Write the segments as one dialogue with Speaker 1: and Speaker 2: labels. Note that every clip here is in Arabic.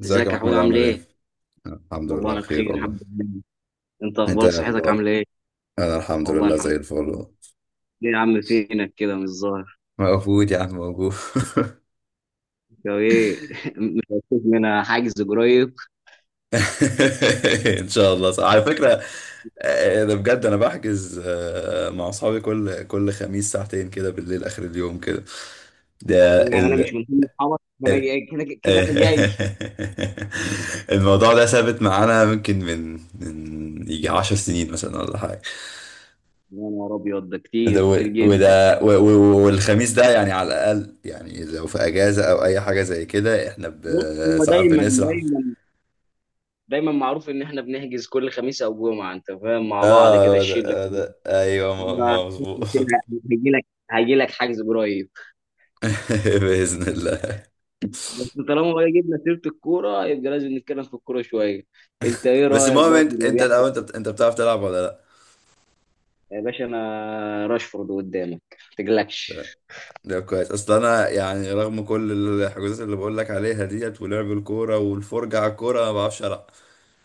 Speaker 1: ازيك يا
Speaker 2: ازيك يا حود،
Speaker 1: محمود
Speaker 2: عامل
Speaker 1: عامل ايه؟
Speaker 2: ايه؟
Speaker 1: الحمد
Speaker 2: والله
Speaker 1: لله
Speaker 2: انا
Speaker 1: بخير
Speaker 2: بخير،
Speaker 1: والله،
Speaker 2: الحمد لله. انت
Speaker 1: انت
Speaker 2: اخبارك؟
Speaker 1: ايه
Speaker 2: صحتك
Speaker 1: اخبارك؟
Speaker 2: عامله ايه؟
Speaker 1: انا الحمد
Speaker 2: والله
Speaker 1: لله
Speaker 2: الحمد لله.
Speaker 1: زي الفل والله.
Speaker 2: ليه يا عم فينك كده مش ظاهر؟
Speaker 1: موجود يا عم موجود.
Speaker 2: يا ايه مش هتشوف منها حاجز قريب؟
Speaker 1: ان شاء الله صح. على فكرة ده بجد انا بحجز، مع اصحابي كل خميس ساعتين كده بالليل اخر اليوم كده. ده
Speaker 2: يعني انا
Speaker 1: ال
Speaker 2: مش من ضمن اصحابك؟ ما انا
Speaker 1: ال-
Speaker 2: كده كده انا جاي.
Speaker 1: الموضوع ده ثابت معانا ممكن من يجي عشر سنين مثلا ولا حاجة.
Speaker 2: يا نهار ابيض ده كتير
Speaker 1: ده و-
Speaker 2: كتير جدا.
Speaker 1: وده و- و- والخميس ده يعني على الأقل، يعني لو في أجازة أو أي حاجة زي كده إحنا
Speaker 2: بص هو
Speaker 1: ساعات بنسرح.
Speaker 2: دايما معروف ان احنا بنحجز كل خميس او جمعه، انت فاهم، مع بعض كده
Speaker 1: آه، هو
Speaker 2: الشله.
Speaker 1: ده هو ده أيوه، ما مظبوط.
Speaker 2: هيجي لك هيجي لك حجز قريب.
Speaker 1: بإذن الله.
Speaker 2: بس طالما بقى جبنا سيرة الكورة يبقى لازم نتكلم في الكورة شوية. انت ايه
Speaker 1: بس
Speaker 2: رأيك
Speaker 1: المهم
Speaker 2: بقى في
Speaker 1: أنت
Speaker 2: اللي
Speaker 1: أنت
Speaker 2: بيحصل؟
Speaker 1: الأول، أنت بتعرف تلعب ولا لأ؟
Speaker 2: يا باشا انا راشفورد قدامك، ما تقلقش.
Speaker 1: ده ده كويس، أصل أنا يعني رغم كل الحجوزات اللي بقول لك عليها ديت ولعب الكورة والفرجة على الكورة ما بعرفش ألعب،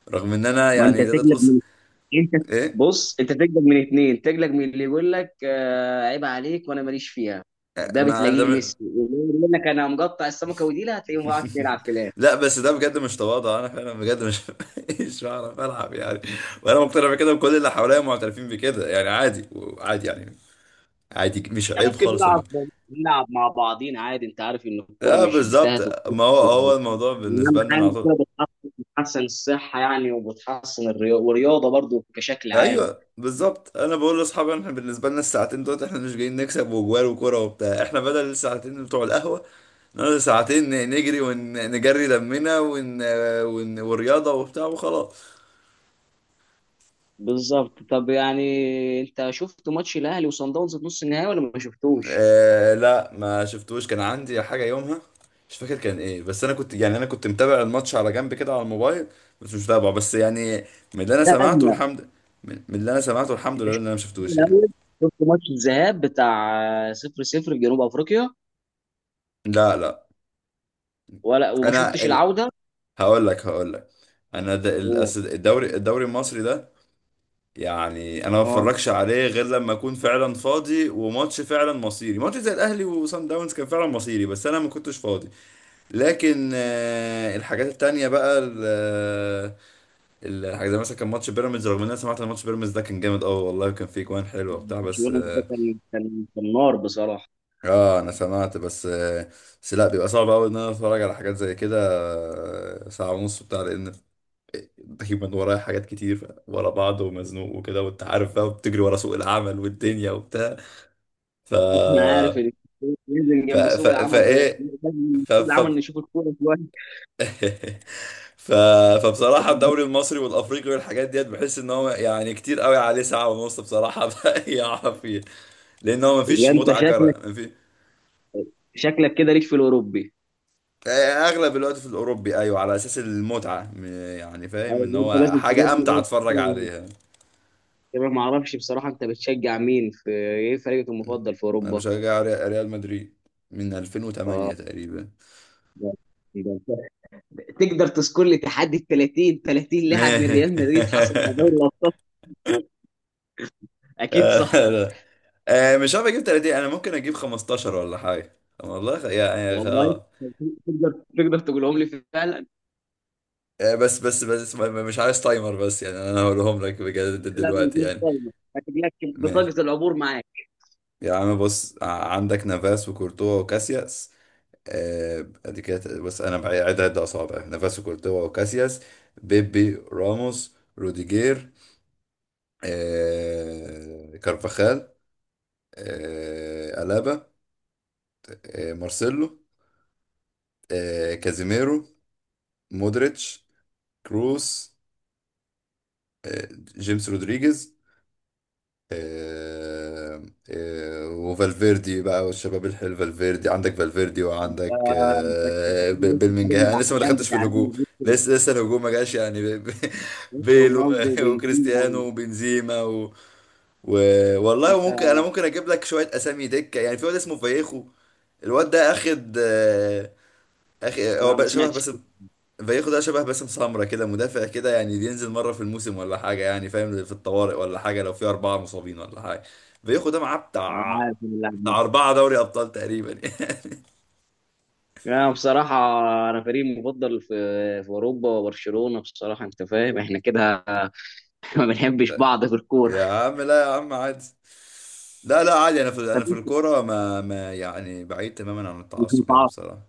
Speaker 1: رغم إن أنا
Speaker 2: ما انت
Speaker 1: يعني تقدر
Speaker 2: تقلق
Speaker 1: تقول.
Speaker 2: من انت
Speaker 1: إيه؟
Speaker 2: بص انت تقلق من اتنين. تقلق من اللي يقول لك عيب عليك وانا ماليش فيها، ده
Speaker 1: ما أنا
Speaker 2: بتلاقيه
Speaker 1: ده،
Speaker 2: ميسي. واللي يقول لك انا مقطع السمكة وديلها، هتلاقيه ما بيعرفش يلعب في الاخر.
Speaker 1: لا بس ده بجد مش تواضع، انا فعلا بجد مش مش بعرف العب يعني، وانا مقتنع بكده وكل اللي حواليا معترفين بكده، يعني عادي، عادي يعني، عادي مش
Speaker 2: احنا
Speaker 1: عيب
Speaker 2: ممكن
Speaker 1: خالص لما.
Speaker 2: نلعب مع بعضين عادي، انت عارف ان الكورة
Speaker 1: لا
Speaker 2: مش
Speaker 1: بالظبط،
Speaker 2: بتهدف.
Speaker 1: ما هو
Speaker 2: يعني
Speaker 1: هو الموضوع
Speaker 2: اهم
Speaker 1: بالنسبه لنا
Speaker 2: حاجه
Speaker 1: أنا
Speaker 2: إن
Speaker 1: على
Speaker 2: كده
Speaker 1: طول.
Speaker 2: بتحسن الصحه، يعني وبتحسن الرياضه، والرياضه برضو كشكل عام.
Speaker 1: ايوه بالظبط، انا بقول لاصحابي احنا بالنسبه لنا الساعتين دول احنا مش جايين نكسب وجوال وكوره وبتاع، احنا بدل الساعتين بتوع القهوه نقعد ساعتين نجري ونجري دمنا ون... ون... والرياضه وبتاع وخلاص.
Speaker 2: بالظبط. طب يعني انت شفت ماتش الاهلي وصن داونز في نص النهائي ولا ما شفتوش؟
Speaker 1: آه لا، ما شفتوش، كان عندي حاجة يومها، مش فاكر كان ايه، بس انا كنت متابع الماتش على جنب كده على الموبايل، بس مش متابعه بس يعني. من اللي انا
Speaker 2: لا
Speaker 1: سمعته
Speaker 2: لا.
Speaker 1: الحمد من اللي انا سمعته الحمد
Speaker 2: انت
Speaker 1: لله ان
Speaker 2: شفت
Speaker 1: انا ما شفتوش يعني.
Speaker 2: الاول؟ شفت ماتش الذهاب بتاع 0-0 في جنوب افريقيا،
Speaker 1: لا، لا.
Speaker 2: ولا وما
Speaker 1: انا
Speaker 2: شفتش
Speaker 1: ال...
Speaker 2: العوده؟
Speaker 1: هقول لك انا د... ال-
Speaker 2: اوه.
Speaker 1: أس- الدوري الدوري المصري ده يعني انا ما
Speaker 2: اه،
Speaker 1: بتفرجش عليه غير لما اكون فعلا فاضي وماتش فعلا مصيري، ماتش زي الاهلي وصن داونز كان فعلا مصيري، بس انا ما كنتش فاضي. لكن الحاجات التانية بقى الحاجات زي مثلا كان ماتش بيراميدز، رغم ان انا سمعت ان ماتش بيراميدز ده كان جامد قوي والله، وكان فيه جوان حلوه وبتاع،
Speaker 2: ماتش
Speaker 1: بس
Speaker 2: يونس ده كان نار بصراحه.
Speaker 1: انا سمعت بس، بس لا بيبقى صعب قوي ان انا اتفرج على حاجات زي كده، ساعة ونص بتاع، لان دايما ورايا حاجات كتير ورا بعض ومزنوق وكده، وانت عارف بقى بتجري ورا سوق العمل والدنيا وبتاع. ف
Speaker 2: انا عارف ان ننزل
Speaker 1: ف
Speaker 2: جنب
Speaker 1: ف
Speaker 2: سوق العمل،
Speaker 1: فايه
Speaker 2: ننزل جنب
Speaker 1: ف
Speaker 2: سوق
Speaker 1: ف
Speaker 2: العمل نشوف الكوره شويه.
Speaker 1: ف... فبصراحة الدوري المصري والأفريقي والحاجات ديت بحس إن هو يعني كتير قوي عليه ساعة ونص بصراحة، يقع فيه، لأن هو
Speaker 2: يبقى
Speaker 1: مفيش
Speaker 2: انت
Speaker 1: متعة
Speaker 2: شكلك،
Speaker 1: كرة
Speaker 2: شكلك كده ليك في الاوروبي.
Speaker 1: أغلب الوقت في الأوروبي. أيوة، على أساس المتعة، يعني فاهم إن
Speaker 2: أيوة، انت
Speaker 1: هو
Speaker 2: لازم تقول
Speaker 1: حاجة أمتع
Speaker 2: لي
Speaker 1: أتفرج عليها.
Speaker 2: كمان، ما اعرفش بصراحه انت بتشجع مين؟ في ايه فريقك المفضل في
Speaker 1: أنا
Speaker 2: اوروبا؟
Speaker 1: بشجع ريال مدريد من
Speaker 2: اه.
Speaker 1: 2008 تقريبا.
Speaker 2: ده- ده أنت تقدر تذكر لي تحدي ال 30 لاعب من ريال مدريد حصل على دوري الابطال؟ اكيد صح.
Speaker 1: لا. آه، مش عارف أجيب 30، أنا ممكن أجيب 15 ولا حاجة، والله،
Speaker 2: والله تقدر تقدر تقولهم لي فعلا؟
Speaker 1: بس مش عايز تايمر، بس يعني انا هقولهم لك بجد
Speaker 2: لا، من
Speaker 1: دلوقتي
Speaker 2: غير
Speaker 1: يعني.
Speaker 2: صدمة. شكلك
Speaker 1: ماشي.
Speaker 2: بطاقه العبور معاك.
Speaker 1: يا عم بص، عندك نافاس وكورتوا وكاسياس، ادي كده، بس انا بعيدها عد اصابع، نافاس وكورتوا وكاسياس، بيبي، راموس، روديجير، كارفاخال، ألابا، مارسيلو، كازيميرو، مودريتش، كروس، جيمس رودريجيز، آه، وفالفيردي بقى والشباب الحلو، فالفيردي عندك، فالفيردي وعندك
Speaker 2: آه، انت أنت كده وسط فريق
Speaker 1: بلمنجهام، انا لسه ما
Speaker 2: الاحلام
Speaker 1: دخلتش في
Speaker 2: بتاع ريال
Speaker 1: الهجوم.
Speaker 2: مدريد.
Speaker 1: لسه الهجوم ما جاش يعني،
Speaker 2: لسه
Speaker 1: بيل،
Speaker 2: رونالدو وبنزيما
Speaker 1: وكريستيانو وبنزيما و... والله،
Speaker 2: انت.
Speaker 1: وممكن انا ممكن اجيب لك شويه اسامي دكه يعني، في واد اسمه فايخو، الواد ده اخد، آه، اخ هو
Speaker 2: لا ما
Speaker 1: بقى شبه
Speaker 2: سمعتش.
Speaker 1: بس، فايخو ده شبه باسم سمرة كده، مدافع كده، يعني ينزل مرة في الموسم ولا حاجة، يعني فاهم، في الطوارئ ولا حاجة، لو في أربعة مصابين ولا حاجة، فايخو ده معاه بتاع،
Speaker 2: عارف اللاعب.
Speaker 1: بتاع أربعة دوري أبطال تقريبا.
Speaker 2: يعني بصراحة أنا فريقي المفضل في أوروبا برشلونة، بصراحة أنت فاهم إحنا كده ما بنحبش بعض في الكورة.
Speaker 1: يا عم لا يا عم عادي، لا لا عادي، أنا في
Speaker 2: طب أنت
Speaker 1: الكورة ما يعني بعيد تماما عن
Speaker 2: مش
Speaker 1: التعصب يعني
Speaker 2: متعاطف؟
Speaker 1: بصراحة.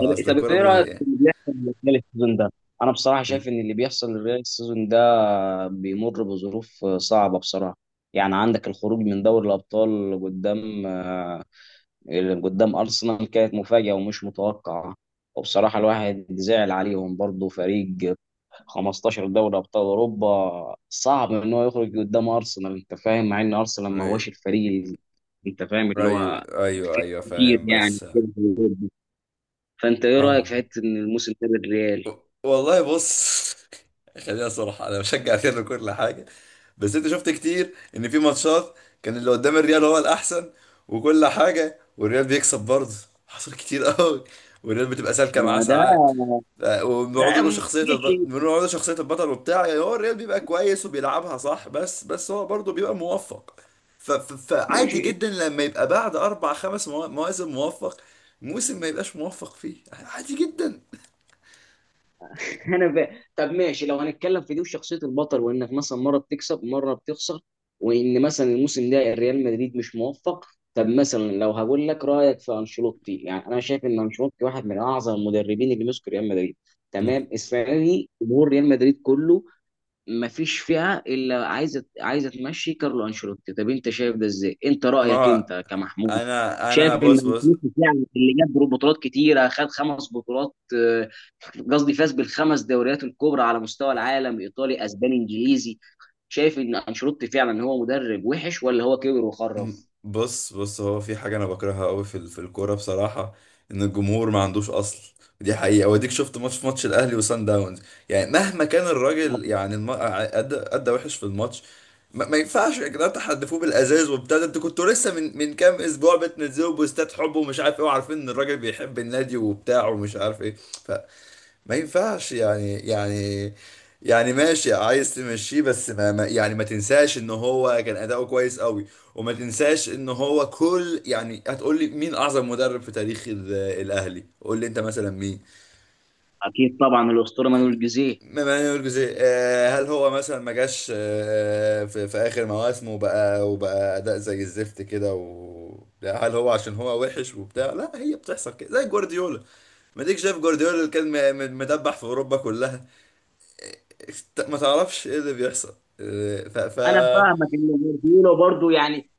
Speaker 2: طب إيه،
Speaker 1: أصل
Speaker 2: طب
Speaker 1: الكورة
Speaker 2: إيه رأيك في اللي بيحصل للريال السيزون ده؟ أنا بصراحة
Speaker 1: ال-
Speaker 2: شايف إن اللي بيحصل للريال السيزون ده بيمر بظروف صعبة، بصراحة. يعني عندك الخروج من دوري الأبطال قدام، اللي قدام أرسنال كانت مفاجأة ومش متوقعة. وبصراحة الواحد زعل عليهم برضه، فريق 15 دوري أبطال أوروبا صعب إن هو يخرج قدام أرسنال، أنت فاهم، مع إن أرسنال ما هوش
Speaker 1: أيوه
Speaker 2: الفريق أنت فاهم اللي
Speaker 1: أيوه
Speaker 2: هو
Speaker 1: أيوه
Speaker 2: فيه
Speaker 1: أيوه،
Speaker 2: كتير
Speaker 1: فاهم،
Speaker 2: يعني.
Speaker 1: بس
Speaker 2: فأنت إيه رأيك في
Speaker 1: فاهم.
Speaker 2: حتة إن الموسم ده الريال؟
Speaker 1: والله بص، خلينا صراحة، أنا بشجع ريال كل حاجة، بس انت شفت كتير ان في ماتشات كان اللي قدام الريال هو الاحسن وكل حاجه، والريال بيكسب برضه، حصل كتير قوي، والريال بتبقى سالكه معاه
Speaker 2: ما ده.
Speaker 1: ساعات. ف-
Speaker 2: ده
Speaker 1: وبنقعد له شخصيه
Speaker 2: ماشي.
Speaker 1: الب... بنقعد له شخصيه البطل وبتاع، يعني هو الريال بيبقى كويس وبيلعبها صح، بس هو برضه بيبقى موفق. فعادي
Speaker 2: ماشي.
Speaker 1: جدا لما يبقى بعد اربع خمس مواسم موفق، موسم ما يبقاش موفق فيه، يعني عادي جدا.
Speaker 2: انا طب ماشي، لو هنتكلم في دي وشخصيه البطل، وانك مثلا مره بتكسب مره بتخسر، وان مثلا الموسم ده الريال مدريد مش موفق. طب مثلا لو هقول لك رايك في انشيلوتي، يعني انا شايف ان انشيلوتي واحد من اعظم المدربين اللي مسكوا ريال مدريد.
Speaker 1: مم.
Speaker 2: تمام، السنه دي جمهور ريال مدريد كله ما فيش فئه الا عايزه تمشي كارلو انشيلوتي. طب انت شايف ده ازاي؟ انت رايك
Speaker 1: ما
Speaker 2: انت كمحمود،
Speaker 1: انا
Speaker 2: شايف
Speaker 1: انا
Speaker 2: ان
Speaker 1: بص،
Speaker 2: انشيلوتي فعلا اللي جاب بطولات كتيره، خد 5 بطولات. قصدي فاز بالخمس دوريات الكبرى على مستوى العالم، ايطالي اسباني انجليزي. شايف ان انشيلوتي فعلا هو مدرب وحش ولا هو كبر وخرف؟
Speaker 1: بص هو في حاجة أنا بكرهها أوي في في الكورة بصراحة، إن الجمهور ما عندوش أصل، دي حقيقة، وأديك شفت ماتش الأهلي وسان داونز، يعني مهما كان الراجل، يعني أدى وحش في الماتش، ما ينفعش يا جدعان تحدفوه بالأزاز وبتاع، ده أنتوا كنتوا لسه من كام أسبوع بتنزلوا بوستات حب ومش عارف إيه، وعارفين إن الراجل بيحب النادي وبتاع ومش عارف إيه، ما ينفعش يعني، ماشي عايز تمشيه، بس يعني ما تنساش ان هو كان اداؤه كويس قوي، وما تنساش ان هو كل، يعني هتقول لي مين اعظم مدرب في تاريخ الاهلي؟ قول لي انت مثلا مين.
Speaker 2: اكيد طبعا الاسطوره مانويل جوزيه.
Speaker 1: مانويل جوزيه، هل هو مثلا ما جاش، في اخر مواسمه وبقى اداء زي الزفت كده؟ و لا، هل هو عشان هو وحش وبتاع؟ لا، هي بتحصل كده، زي جوارديولا، ما ديك شايف جوارديولا اللي كان مدبح في اوروبا كلها، ما تعرفش ايه اللي بيحصل. إيه، ف ف
Speaker 2: انا فاهمك اللي جوارديولا برضو، يعني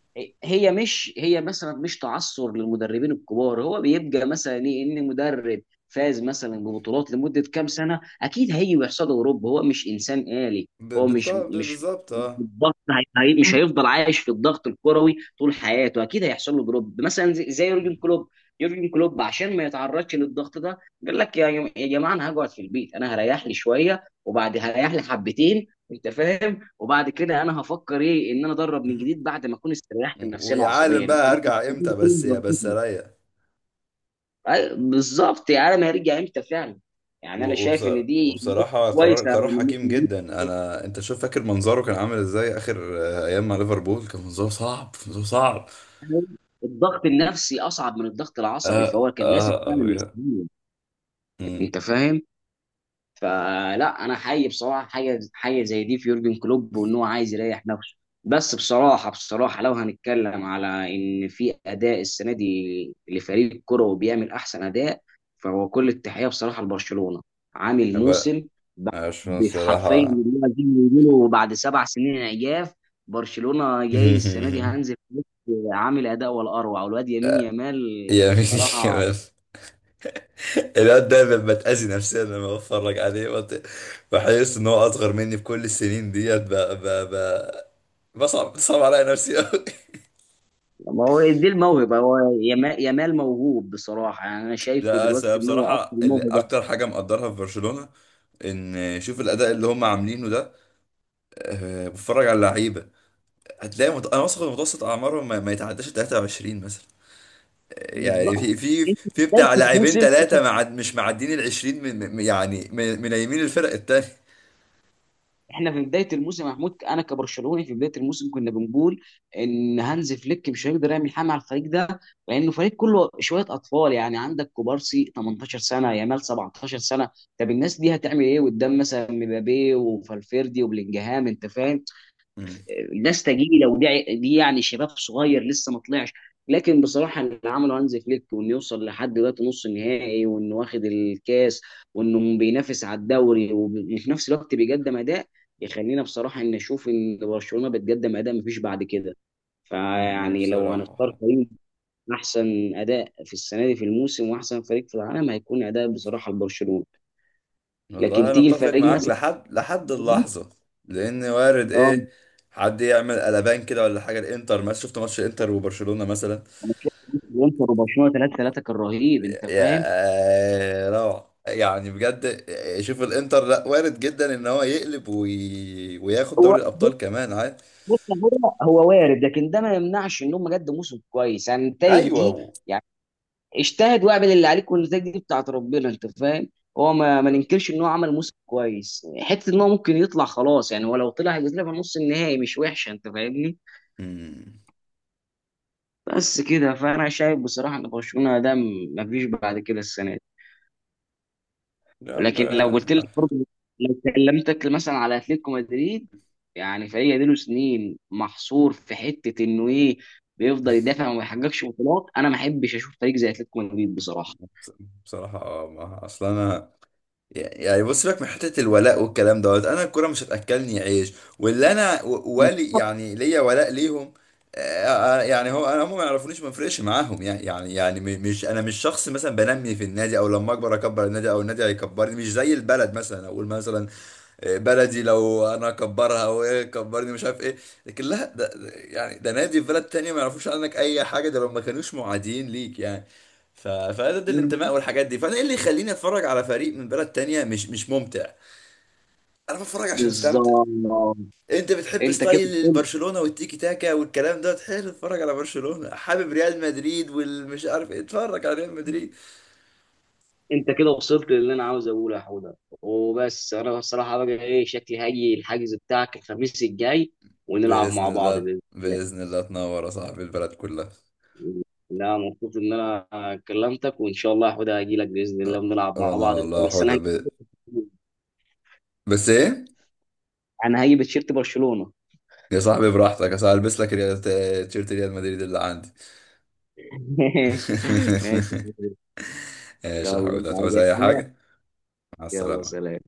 Speaker 2: هي مش، هي مثلا مش تعثر للمدربين الكبار. هو بيبقى مثلا ايه؟ ان مدرب فاز مثلا ببطولات لمده كام سنه، اكيد هيجي ويحصد اوروبا، هو مش انسان آلي.
Speaker 1: ب-
Speaker 2: هو
Speaker 1: بالط-
Speaker 2: مش
Speaker 1: ب-
Speaker 2: مش
Speaker 1: بالظبط.
Speaker 2: مش
Speaker 1: اه.
Speaker 2: الضغط، مش هيفضل عايش في الضغط الكروي طول حياته. اكيد هيحصل له دروب، مثلا زي يورجن كلوب. يورجن كلوب عشان ما يتعرضش للضغط ده، قال لك يا جماعه، انا هقعد في البيت، انا هريح لي شويه وبعد هريح لي حبتين، انت فاهم. وبعد كده انا هفكر ايه ان انا ادرب من
Speaker 1: مم.
Speaker 2: جديد بعد ما اكون استريحت نفسيا
Speaker 1: ويا عالم
Speaker 2: وعصبيا.
Speaker 1: بقى هرجع امتى، بس بس اريح.
Speaker 2: أي- بالظبط، يعني انا ما هرجع امتى فعلا. يعني انا
Speaker 1: و-
Speaker 2: شايف
Speaker 1: وبص-
Speaker 2: ان دي
Speaker 1: وبصراحة، قرار
Speaker 2: كويسه.
Speaker 1: حكيم جدا، انا انت شوف فاكر منظره كان عامل ازاي اخر ايام مع ليفربول، كان منظره صعب، منظره صعب.
Speaker 2: الضغط النفسي اصعب من الضغط العصبي،
Speaker 1: اه
Speaker 2: فهو كان لازم
Speaker 1: اه
Speaker 2: فعلا
Speaker 1: اه.
Speaker 2: يستمر،
Speaker 1: امم
Speaker 2: انت فاهم. فلا انا حي بصراحه حاجه زي دي في يورجن كلوب، وان هو عايز يريح نفسه. بس بصراحه، لو هنتكلم على ان في اداء السنه دي لفريق كروي بيعمل احسن اداء، فهو كل التحيه بصراحه لبرشلونه. عامل
Speaker 1: بقى،
Speaker 2: موسم
Speaker 1: عشان
Speaker 2: ب- حرفيا
Speaker 1: الصراحة.
Speaker 2: اللي هو زي ما بيقولوا، بعد 7 سنين عياف. برشلونه جاي السنه دي هانز فليك عامل اداء ولا اروع. والواد يمين يامال
Speaker 1: يا مين
Speaker 2: صراحه.
Speaker 1: كمان، الواد دايما بتأذي نفسيا لما بتفرج عليه، بحس ان هو اصغر مني في كل السنين ديت، ب... بصعب بتصعب عليا نفسي قوي.
Speaker 2: ما هو دي الموهبة، هو يامال موهوب بصراحة. يعني أنا شايفه
Speaker 1: لا
Speaker 2: دلوقتي إن هو أكتر
Speaker 1: بصراحة
Speaker 2: موهبة.
Speaker 1: اكتر حاجة مقدرها في برشلونة ان، شوف الاداء اللي هم عاملينه ده، أه بتفرج على اللعيبه، هتلاقي انا واثق إن متوسط اعمارهم ما يتعداش 23 مثلا، يعني
Speaker 2: بالظبط.
Speaker 1: في
Speaker 2: أنت في
Speaker 1: بتاع
Speaker 2: بداية
Speaker 1: لاعبين
Speaker 2: الموسم،
Speaker 1: ثلاثه مش معدين ال 20، يعني من يمين الفرق التانيه.
Speaker 2: إحنا في بداية الموسم يا محمود، أنا كبرشلوني في بداية الموسم كنا بنقول إن هانز فليك مش هيقدر يعمل حاجة على الفريق ده، لأنه فريق كله شوية أطفال. يعني عندك كوبارسي 18 سنة، يامال 17 سنة. طب الناس دي هتعمل إيه قدام مثلا مبابي وفالفيردي وبلينجهام؟ أنت فاهم
Speaker 1: مم.
Speaker 2: الناس تجيلي لو دي يعني شباب صغير لسه ما طلعش. لكن بصراحه اللي عمله هانز فليك، وانه يوصل لحد دلوقتي نص النهائي، وانه واخد الكاس، وانه بينافس على الدوري، وفي نفس الوقت بيقدم اداء، يخلينا بصراحه ان نشوف ان برشلونه بتقدم اداء مفيش بعد كده.
Speaker 1: مم،
Speaker 2: فيعني لو هنختار
Speaker 1: بصراحة،
Speaker 2: فريق احسن اداء في السنه دي في الموسم، واحسن فريق في العالم، هيكون اداء بصراحه لبرشلونه. لكن
Speaker 1: والله انا
Speaker 2: تيجي
Speaker 1: اتفق
Speaker 2: الفريق
Speaker 1: معاك
Speaker 2: مثلا.
Speaker 1: لحد اللحظه، لان وارد ايه، حد يعمل قلبان كده ولا حاجه، الانتر، ما شفت ماتش الانتر وبرشلونه مثلا،
Speaker 2: انا شايف انتر وبرشلونه 3-3 كان رهيب، انت فاهم.
Speaker 1: يا روعه، يعني بجد، شوف الانتر، لا وارد جدا ان هو يقلب وي... وياخد
Speaker 2: هو
Speaker 1: دوري
Speaker 2: بص
Speaker 1: الابطال كمان عادي.
Speaker 2: بص هو وارد، لكن ده ما يمنعش ان هم قدموا موسم كويس، يعني النتائج
Speaker 1: ايوه.
Speaker 2: دي. يعني اجتهد واعمل اللي عليك والنتائج دي بتاعت ربنا، انت فاهم. هو ما ننكرش ان هو عمل موسم كويس، حته ان هو ممكن يطلع خلاص. يعني هو لو طلع هيبقى طلع في نص النهائي، مش وحشه انت فاهمني.
Speaker 1: مم.
Speaker 2: بس كده. فانا شايف بصراحه ان برشلونه ده ما فيش بعد كده السنه.
Speaker 1: يا عم،
Speaker 2: ولكن لو قلت لك برضه، لو كلمتك مثلا على اتلتيكو مدريد، يعني فريق له سنين محصور في حته انه ايه، بيفضل يدافع وما يحققش بطولات. انا ما احبش اشوف فريق زي اتلتيكو مدريد بصراحه.
Speaker 1: بصراحه، ما اصل انا، يعني بص لك من حته الولاء والكلام دوت، انا الكوره مش هتاكلني عيش، واللي انا و- والي يعني ليا ولاء ليهم، يعني هو انا هم ما يعرفونيش، ما فرقش معاهم يعني، مش انا مش شخص مثلا بنمي في النادي، او لما اكبر النادي او النادي هيكبرني، مش زي البلد مثلا، اقول مثلا بلدي لو انا اكبرها وايه كبرني مش عارف ايه، لكن لا، يعني ده نادي في بلد تانية، ما يعرفوش عنك اي حاجه، ده لو ما كانوش معادين ليك يعني. ف... فده ده الانتماء والحاجات دي، فانا ايه اللي يخليني اتفرج على فريق من بلد تانية؟ مش ممتع، انا بتفرج عشان استمتع.
Speaker 2: بالظبط.
Speaker 1: انت بتحب
Speaker 2: انت كده
Speaker 1: ستايل
Speaker 2: وصلت،
Speaker 1: برشلونه والتيكي تاكا والكلام ده حلو، اتفرج على برشلونه، حابب ريال مدريد والمش عارف ايه، اتفرج على ريال مدريد.
Speaker 2: انت كده وصلت للي انا عاوز اقوله يا حوده. وبس انا بصراحه بقى، ايه شكلي؟ هاجي الحجز بتاعك الخميس الجاي ونلعب
Speaker 1: باذن
Speaker 2: مع بعض
Speaker 1: الله،
Speaker 2: باذن الله.
Speaker 1: باذن الله تنور يا صاحبي البلد كلها.
Speaker 2: لا، مبسوط ان انا كلمتك، وان شاء الله هاخدها هاجي لك باذن الله ونلعب مع
Speaker 1: انا
Speaker 2: بعض بكره.
Speaker 1: والله
Speaker 2: بس انا
Speaker 1: حوده
Speaker 2: هجيب،
Speaker 1: بس ايه؟
Speaker 2: انا هجيب تيشيرت برشلونه.
Speaker 1: يا صاحبي براحتك، اصل هلبس لك تيشيرت ريال مدريد اللي عندي.
Speaker 2: ماشي. ماشي.
Speaker 1: ماشي يا
Speaker 2: يلا،
Speaker 1: حبيبي،
Speaker 2: انت عايز
Speaker 1: هتعوز
Speaker 2: أي
Speaker 1: اي
Speaker 2: حاجه؟
Speaker 1: حاجه؟ مع
Speaker 2: يلا
Speaker 1: السلامه.
Speaker 2: سلام.